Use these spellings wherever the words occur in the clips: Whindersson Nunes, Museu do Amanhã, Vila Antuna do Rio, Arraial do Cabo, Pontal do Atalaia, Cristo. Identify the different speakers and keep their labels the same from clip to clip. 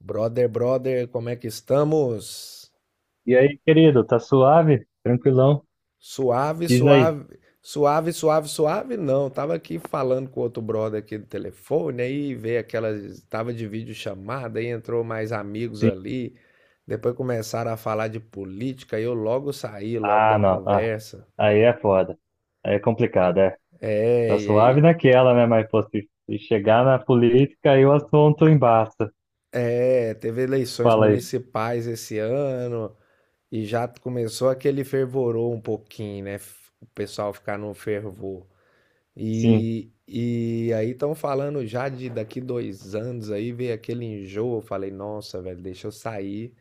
Speaker 1: Brother, brother, como é que estamos?
Speaker 2: E aí, querido, tá suave? Tranquilão?
Speaker 1: Suave,
Speaker 2: Diz aí.
Speaker 1: suave, suave, suave, suave, não. Tava aqui falando com outro brother aqui do telefone, aí veio aquela, tava de videochamada, aí entrou mais amigos
Speaker 2: Sim.
Speaker 1: ali. Depois começaram a falar de política, e eu logo saí, logo da
Speaker 2: Ah, não. Ah,
Speaker 1: conversa.
Speaker 2: aí é foda. Aí é complicado, é.
Speaker 1: É,
Speaker 2: Tá
Speaker 1: e
Speaker 2: suave
Speaker 1: aí,
Speaker 2: naquela, né? Mas, pô, se chegar na política, aí o assunto embaça.
Speaker 1: é, teve eleições
Speaker 2: Fala aí.
Speaker 1: municipais esse ano e já começou aquele fervorou um pouquinho, né? O pessoal ficar no fervor.
Speaker 2: Sim,
Speaker 1: E aí estão falando já de daqui 2 anos aí, veio aquele enjoo. Eu falei, nossa, velho, deixa eu sair,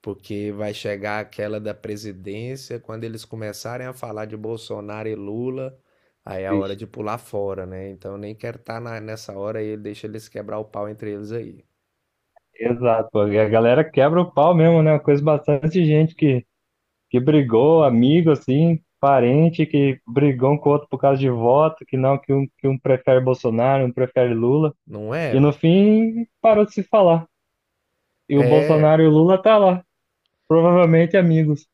Speaker 1: porque vai chegar aquela da presidência, quando eles começarem a falar de Bolsonaro e Lula, aí é a hora
Speaker 2: bicho.
Speaker 1: de pular fora, né? Então eu nem quero estar nessa hora aí, deixa eles quebrar o pau entre eles aí.
Speaker 2: Exato, pô. E a galera quebra o pau mesmo, né? Eu conheço bastante gente que brigou, amigo, assim, parente, que brigou um com o outro por causa de voto, que não, que um prefere Bolsonaro, um prefere Lula.
Speaker 1: Não é,
Speaker 2: E no
Speaker 1: velho?
Speaker 2: fim, parou de se falar. E o
Speaker 1: É,
Speaker 2: Bolsonaro e o Lula tá lá. Provavelmente amigos.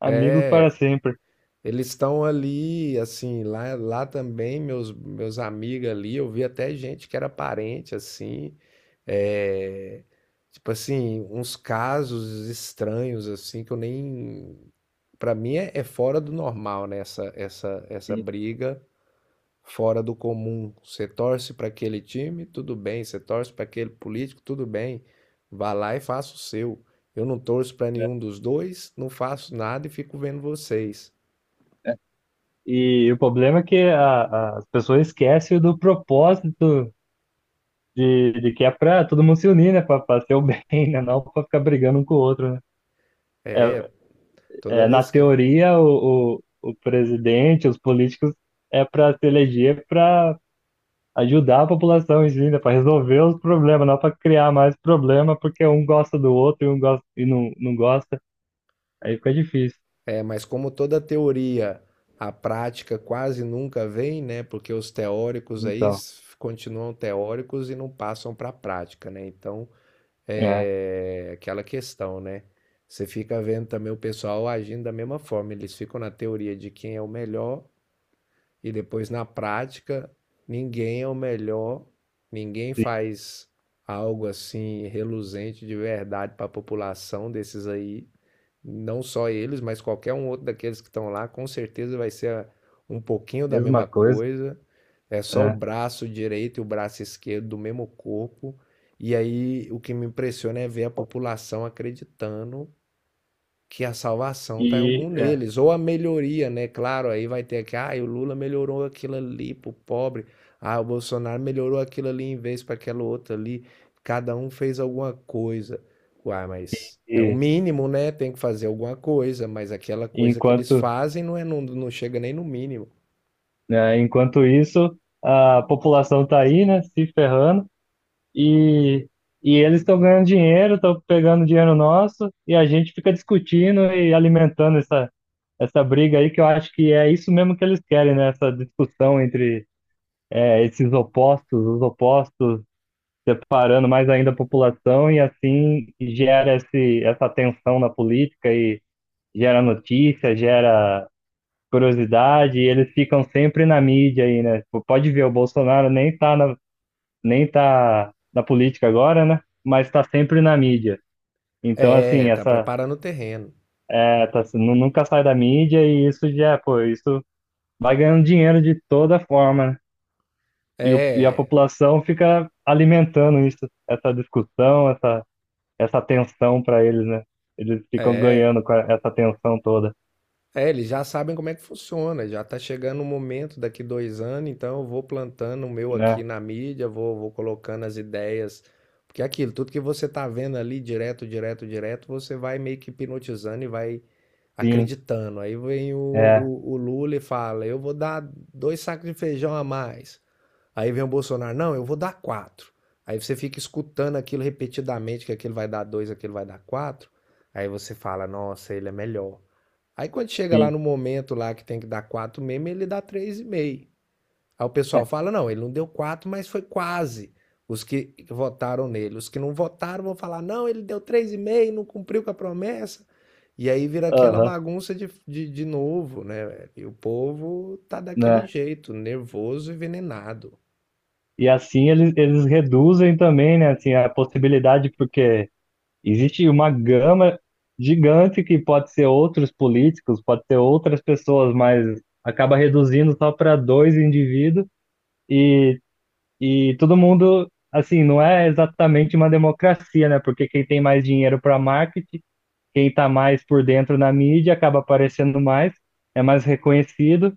Speaker 2: Amigos para sempre.
Speaker 1: eles estão ali, assim, lá também, meus amigos ali, eu vi até gente que era parente, assim, é, tipo assim, uns casos estranhos, assim, que eu nem. Pra mim é, é fora do normal, né? Essa
Speaker 2: E,
Speaker 1: briga fora do comum. Você torce para aquele time, tudo bem. Você torce para aquele político, tudo bem. Vá lá e faça o seu. Eu não torço para
Speaker 2: né,
Speaker 1: nenhum dos dois, não faço nada e fico vendo vocês.
Speaker 2: né. E o problema é que as pessoas esquecem do propósito de que é para todo mundo se unir, né? Para ser o bem, né? Não para ficar brigando um com o outro, né?
Speaker 1: É,
Speaker 2: É,
Speaker 1: toda
Speaker 2: é, na
Speaker 1: vez que.
Speaker 2: teoria, o presidente, os políticos, é para se eleger para ajudar a população em si, né? Para resolver os problemas, não para criar mais problema, porque um gosta do outro e um gosta, e não gosta. Aí fica difícil.
Speaker 1: É, mas como toda teoria, a prática quase nunca vem, né? Porque os teóricos aí
Speaker 2: Então,
Speaker 1: continuam teóricos e não passam para a prática, né? Então,
Speaker 2: é.
Speaker 1: é aquela questão, né? Você fica vendo também o pessoal agindo da mesma forma. Eles ficam na teoria de quem é o melhor e depois na prática ninguém é o melhor, ninguém faz algo assim reluzente de verdade para a população desses aí. Não só eles, mas qualquer um outro daqueles que estão lá, com certeza vai ser um pouquinho da
Speaker 2: Mesma
Speaker 1: mesma
Speaker 2: coisa,
Speaker 1: coisa. É só o
Speaker 2: né?
Speaker 1: braço direito e o braço esquerdo do mesmo corpo. E aí o que me impressiona é ver a população acreditando que a salvação está em algum
Speaker 2: E, é,
Speaker 1: neles, ou a melhoria, né? Claro, aí vai ter que, ah, o Lula melhorou aquilo ali pro pobre, ah, o Bolsonaro melhorou aquilo ali em vez para aquela outra ali, cada um fez alguma coisa. Uai, mas é o
Speaker 2: e
Speaker 1: mínimo, né? Tem que fazer alguma coisa, mas aquela coisa que eles
Speaker 2: enquanto,
Speaker 1: fazem não, é, não, não chega nem no mínimo.
Speaker 2: né, enquanto isso, a população tá aí, né, se ferrando e, e eles estão ganhando dinheiro, estão pegando dinheiro nosso e a gente fica discutindo e alimentando essa briga aí que eu acho que é isso mesmo que eles querem, né? Essa discussão entre é, esses opostos, os opostos separando mais ainda a população e assim gera esse, essa tensão na política e gera notícia, gera curiosidade, e eles ficam sempre na mídia aí, né? Tipo, pode ver, o Bolsonaro nem tá na política agora, né? Mas tá sempre na mídia. Então, assim,
Speaker 1: É, tá
Speaker 2: essa
Speaker 1: preparando o terreno.
Speaker 2: é, nunca sai da mídia e isso já, pô, isso vai ganhando dinheiro de toda forma, né? E, o- e a
Speaker 1: É,
Speaker 2: população fica alimentando isso, essa discussão, essa tensão para eles, né? Eles ficam
Speaker 1: é,
Speaker 2: ganhando com a- essa tensão toda,
Speaker 1: é, eles já sabem como é que funciona, já tá chegando o momento daqui 2 anos, então eu vou plantando o meu
Speaker 2: né?
Speaker 1: aqui na mídia, vou colocando as ideias, porque é aquilo, tudo que você tá vendo ali direto, direto, direto, você vai meio que hipnotizando e vai
Speaker 2: Sim,
Speaker 1: acreditando. Aí vem o,
Speaker 2: é,
Speaker 1: o, o Lula e fala, eu vou dar dois sacos de feijão a mais. Aí vem o Bolsonaro, não, eu vou dar quatro. Aí você fica escutando aquilo repetidamente, que aquele vai dar dois, aquele vai dar quatro. Aí você fala, nossa, ele é melhor. Aí quando chega lá
Speaker 2: sim.
Speaker 1: no momento lá que tem que dar 4 mesmo, ele dá 3,5. Aí o pessoal
Speaker 2: É,
Speaker 1: fala: não, ele não deu 4 mas foi quase. Os que votaram nele. Os que não votaram vão falar: não, ele deu 3,5, não cumpriu com a promessa. E aí vira aquela
Speaker 2: aham,
Speaker 1: bagunça de novo, né? E o povo tá daquele
Speaker 2: né?
Speaker 1: jeito, nervoso e envenenado.
Speaker 2: E assim eles, eles reduzem também, né, assim, a possibilidade, porque existe uma gama gigante que pode ser outros políticos, pode ser outras pessoas, mas acaba reduzindo só para dois indivíduos e, e todo mundo, assim, não é exatamente uma democracia, né? Porque quem tem mais dinheiro para marketing, quem está mais por dentro na mídia acaba aparecendo mais, é mais reconhecido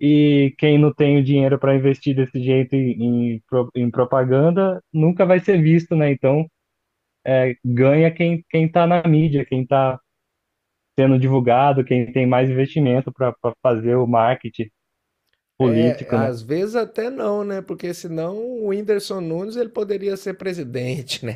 Speaker 2: e quem não tem o dinheiro para investir desse jeito em propaganda nunca vai ser visto, né? Então ganha quem está na mídia, quem está sendo divulgado, quem tem mais investimento para fazer o marketing
Speaker 1: É,
Speaker 2: político, né?
Speaker 1: às vezes até não, né? Porque senão o Whindersson Nunes ele poderia ser presidente, né?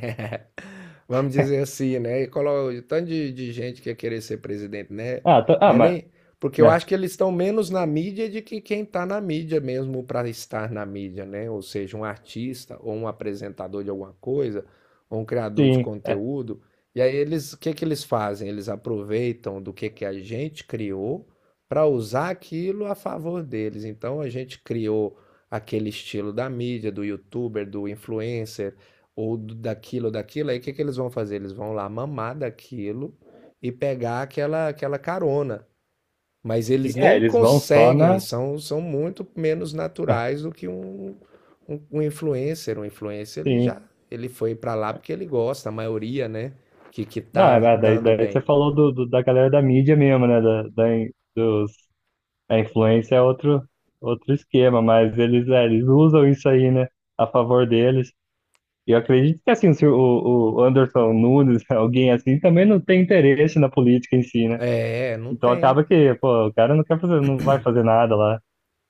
Speaker 1: Vamos dizer assim, né? E coloca o tanto de gente que ia querer ser presidente, né?
Speaker 2: Ah, tá- ah,
Speaker 1: Né,
Speaker 2: mas
Speaker 1: nem? Porque eu
Speaker 2: é,
Speaker 1: acho que eles estão menos na mídia de que quem está na mídia mesmo para estar na mídia, né? Ou seja, um artista ou um apresentador de alguma coisa, ou um criador de
Speaker 2: sim, é,
Speaker 1: conteúdo. E aí eles, o que que eles fazem? Eles aproveitam do que a gente criou para usar aquilo a favor deles. Então a gente criou aquele estilo da mídia, do youtuber, do influencer, ou daquilo ou daquilo, aí o que que eles vão fazer? Eles vão lá mamar daquilo e pegar aquela, aquela carona. Mas
Speaker 2: sim,
Speaker 1: eles
Speaker 2: é,
Speaker 1: nem
Speaker 2: eles vão só
Speaker 1: conseguem,
Speaker 2: na,
Speaker 1: são muito menos
Speaker 2: é,
Speaker 1: naturais do que um influencer. Um influencer, ele
Speaker 2: sim.
Speaker 1: já ele foi para lá porque ele gosta, a maioria, né? Que
Speaker 2: Não,
Speaker 1: tá
Speaker 2: é, mas daí,
Speaker 1: dando
Speaker 2: daí você
Speaker 1: bem.
Speaker 2: falou do, do- da galera da mídia mesmo, né? Da, da in- dos, a influência é outro outro esquema, mas eles, é, eles usam isso aí, né? A favor deles. E eu acredito que assim, se o Anderson Nunes, alguém assim, também não tem interesse na política em si, né?
Speaker 1: É, não
Speaker 2: Então
Speaker 1: tem.
Speaker 2: acaba que, pô, o cara não quer fazer, não vai fazer nada lá.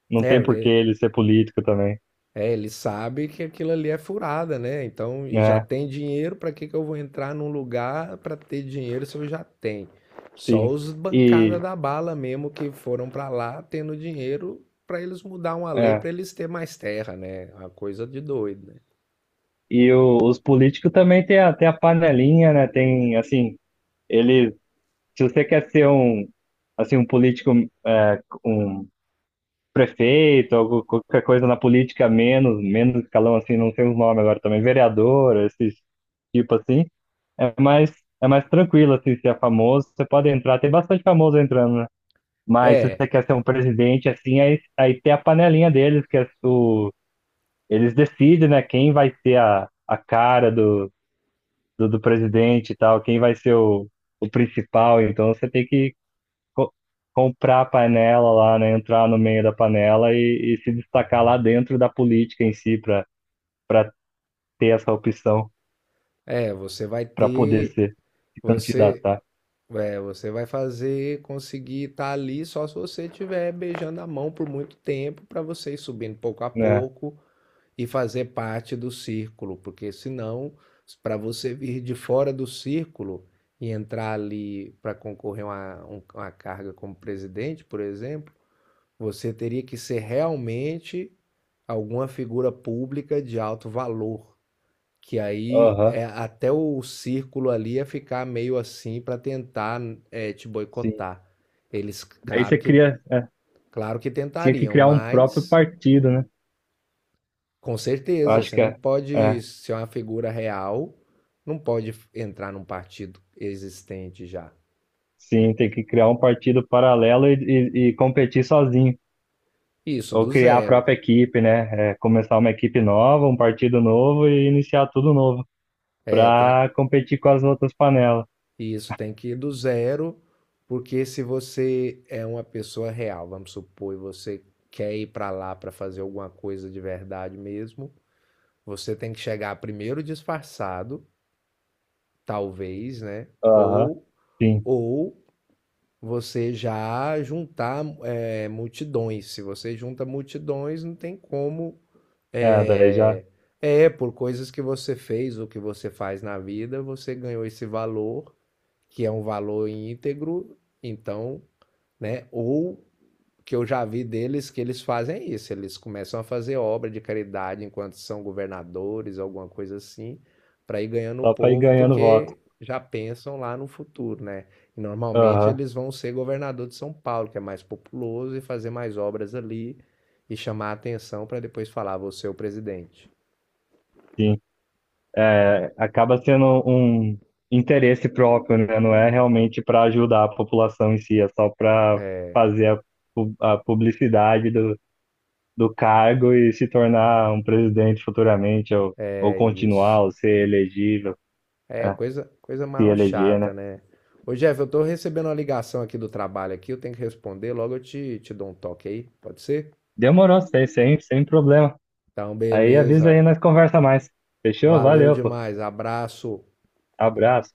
Speaker 2: Não
Speaker 1: É,
Speaker 2: tem por que
Speaker 1: porque
Speaker 2: ele ser político também,
Speaker 1: é, ele sabe que aquilo ali é furada, né? Então, e já
Speaker 2: né?
Speaker 1: tem dinheiro, para que que eu vou entrar num lugar para ter dinheiro se eu já tenho? Só
Speaker 2: Sim.
Speaker 1: os bancada
Speaker 2: E,
Speaker 1: da bala mesmo que foram para lá tendo dinheiro para eles mudar uma lei
Speaker 2: é,
Speaker 1: para eles ter mais terra, né? Uma coisa de doido, né?
Speaker 2: e o- os políticos também tem a, tem a panelinha, né? Tem, assim, ele, se você quer ser um, assim, um político, é, um prefeito, algo, qualquer coisa na política menos, menos escalão assim, não sei os nomes agora também, vereador, esses tipo assim, é mais, é mais tranquilo assim, se é famoso, você pode entrar, tem bastante famoso entrando, né? Mas se você
Speaker 1: É,
Speaker 2: quer ser um presidente assim, aí, aí tem a panelinha deles, que é o, eles decidem, né, quem vai ser a cara do, do presidente e tal, quem vai ser o principal, então você tem que co- comprar a panela lá, né? Entrar no meio da panela e se destacar lá dentro da política em si para para ter essa opção
Speaker 1: é, você vai
Speaker 2: para poder
Speaker 1: ter,
Speaker 2: ser se
Speaker 1: você,
Speaker 2: candidatar,
Speaker 1: é, você vai fazer conseguir estar ali só se você tiver beijando a mão por muito tempo para você ir subindo pouco a
Speaker 2: né?
Speaker 1: pouco e fazer parte do círculo, porque senão, para você vir de fora do círculo e entrar ali para concorrer a uma, uma carga como presidente, por exemplo, você teria que ser realmente alguma figura pública de alto valor. Que aí
Speaker 2: Aham,
Speaker 1: é, até o círculo ali ia ficar meio assim para tentar é, te
Speaker 2: sim.
Speaker 1: boicotar. Eles,
Speaker 2: Daí
Speaker 1: claro
Speaker 2: você
Speaker 1: que,
Speaker 2: cria, é,
Speaker 1: claro que
Speaker 2: tinha que
Speaker 1: tentariam,
Speaker 2: criar um próprio
Speaker 1: mas
Speaker 2: partido, né?
Speaker 1: com
Speaker 2: Eu
Speaker 1: certeza,
Speaker 2: acho
Speaker 1: você
Speaker 2: que
Speaker 1: não
Speaker 2: é,
Speaker 1: pode
Speaker 2: é,
Speaker 1: ser uma figura real, não pode f- entrar num partido existente já.
Speaker 2: sim, tem que criar um partido paralelo e competir sozinho.
Speaker 1: Isso
Speaker 2: Ou
Speaker 1: do
Speaker 2: criar a
Speaker 1: zero.
Speaker 2: própria equipe, né? É, começar uma equipe nova, um partido novo e iniciar tudo novo
Speaker 1: É, tem,
Speaker 2: para competir com as outras panelas.
Speaker 1: isso tem que ir do zero, porque se você é uma pessoa real, vamos supor, e você quer ir para lá para fazer alguma coisa de verdade mesmo, você tem que chegar primeiro disfarçado, talvez, né?
Speaker 2: Aham.
Speaker 1: Ou
Speaker 2: Sim,
Speaker 1: ou você já juntar é, multidões. Se você junta multidões, não tem como.
Speaker 2: é, daí já
Speaker 1: É, é, por coisas que você fez ou que você faz na vida, você ganhou esse valor, que é um valor íntegro, então, né? Ou que eu já vi deles que eles fazem é isso. Eles começam a fazer obra de caridade enquanto são governadores, alguma coisa assim, para ir ganhando o
Speaker 2: só para ir
Speaker 1: povo,
Speaker 2: ganhando voto.
Speaker 1: porque já pensam lá no futuro, né? E normalmente
Speaker 2: Aham,
Speaker 1: eles vão ser governador de São Paulo, que é mais populoso, e fazer mais obras ali e chamar a atenção para depois falar, você é o presidente.
Speaker 2: sim. É, acaba sendo um interesse próprio, né? Não é realmente para ajudar a população em si, é só para fazer a, a publicidade do, do cargo e se tornar um presidente futuramente, ou
Speaker 1: É isso.
Speaker 2: continuar, ou ser elegível,
Speaker 1: É,
Speaker 2: é,
Speaker 1: coisa, coisa
Speaker 2: se
Speaker 1: maior
Speaker 2: eleger,
Speaker 1: chata,
Speaker 2: né?
Speaker 1: né? Ô Jeff, eu tô recebendo uma ligação aqui do trabalho aqui, eu tenho que responder, logo eu te dou um toque aí, pode ser?
Speaker 2: Demorou, sem, sem, sem problema.
Speaker 1: Então,
Speaker 2: Aí avisa aí,
Speaker 1: beleza.
Speaker 2: nós conversa mais. Fechou?
Speaker 1: Valeu
Speaker 2: Valeu, pô.
Speaker 1: demais. Abraço.
Speaker 2: Abraço.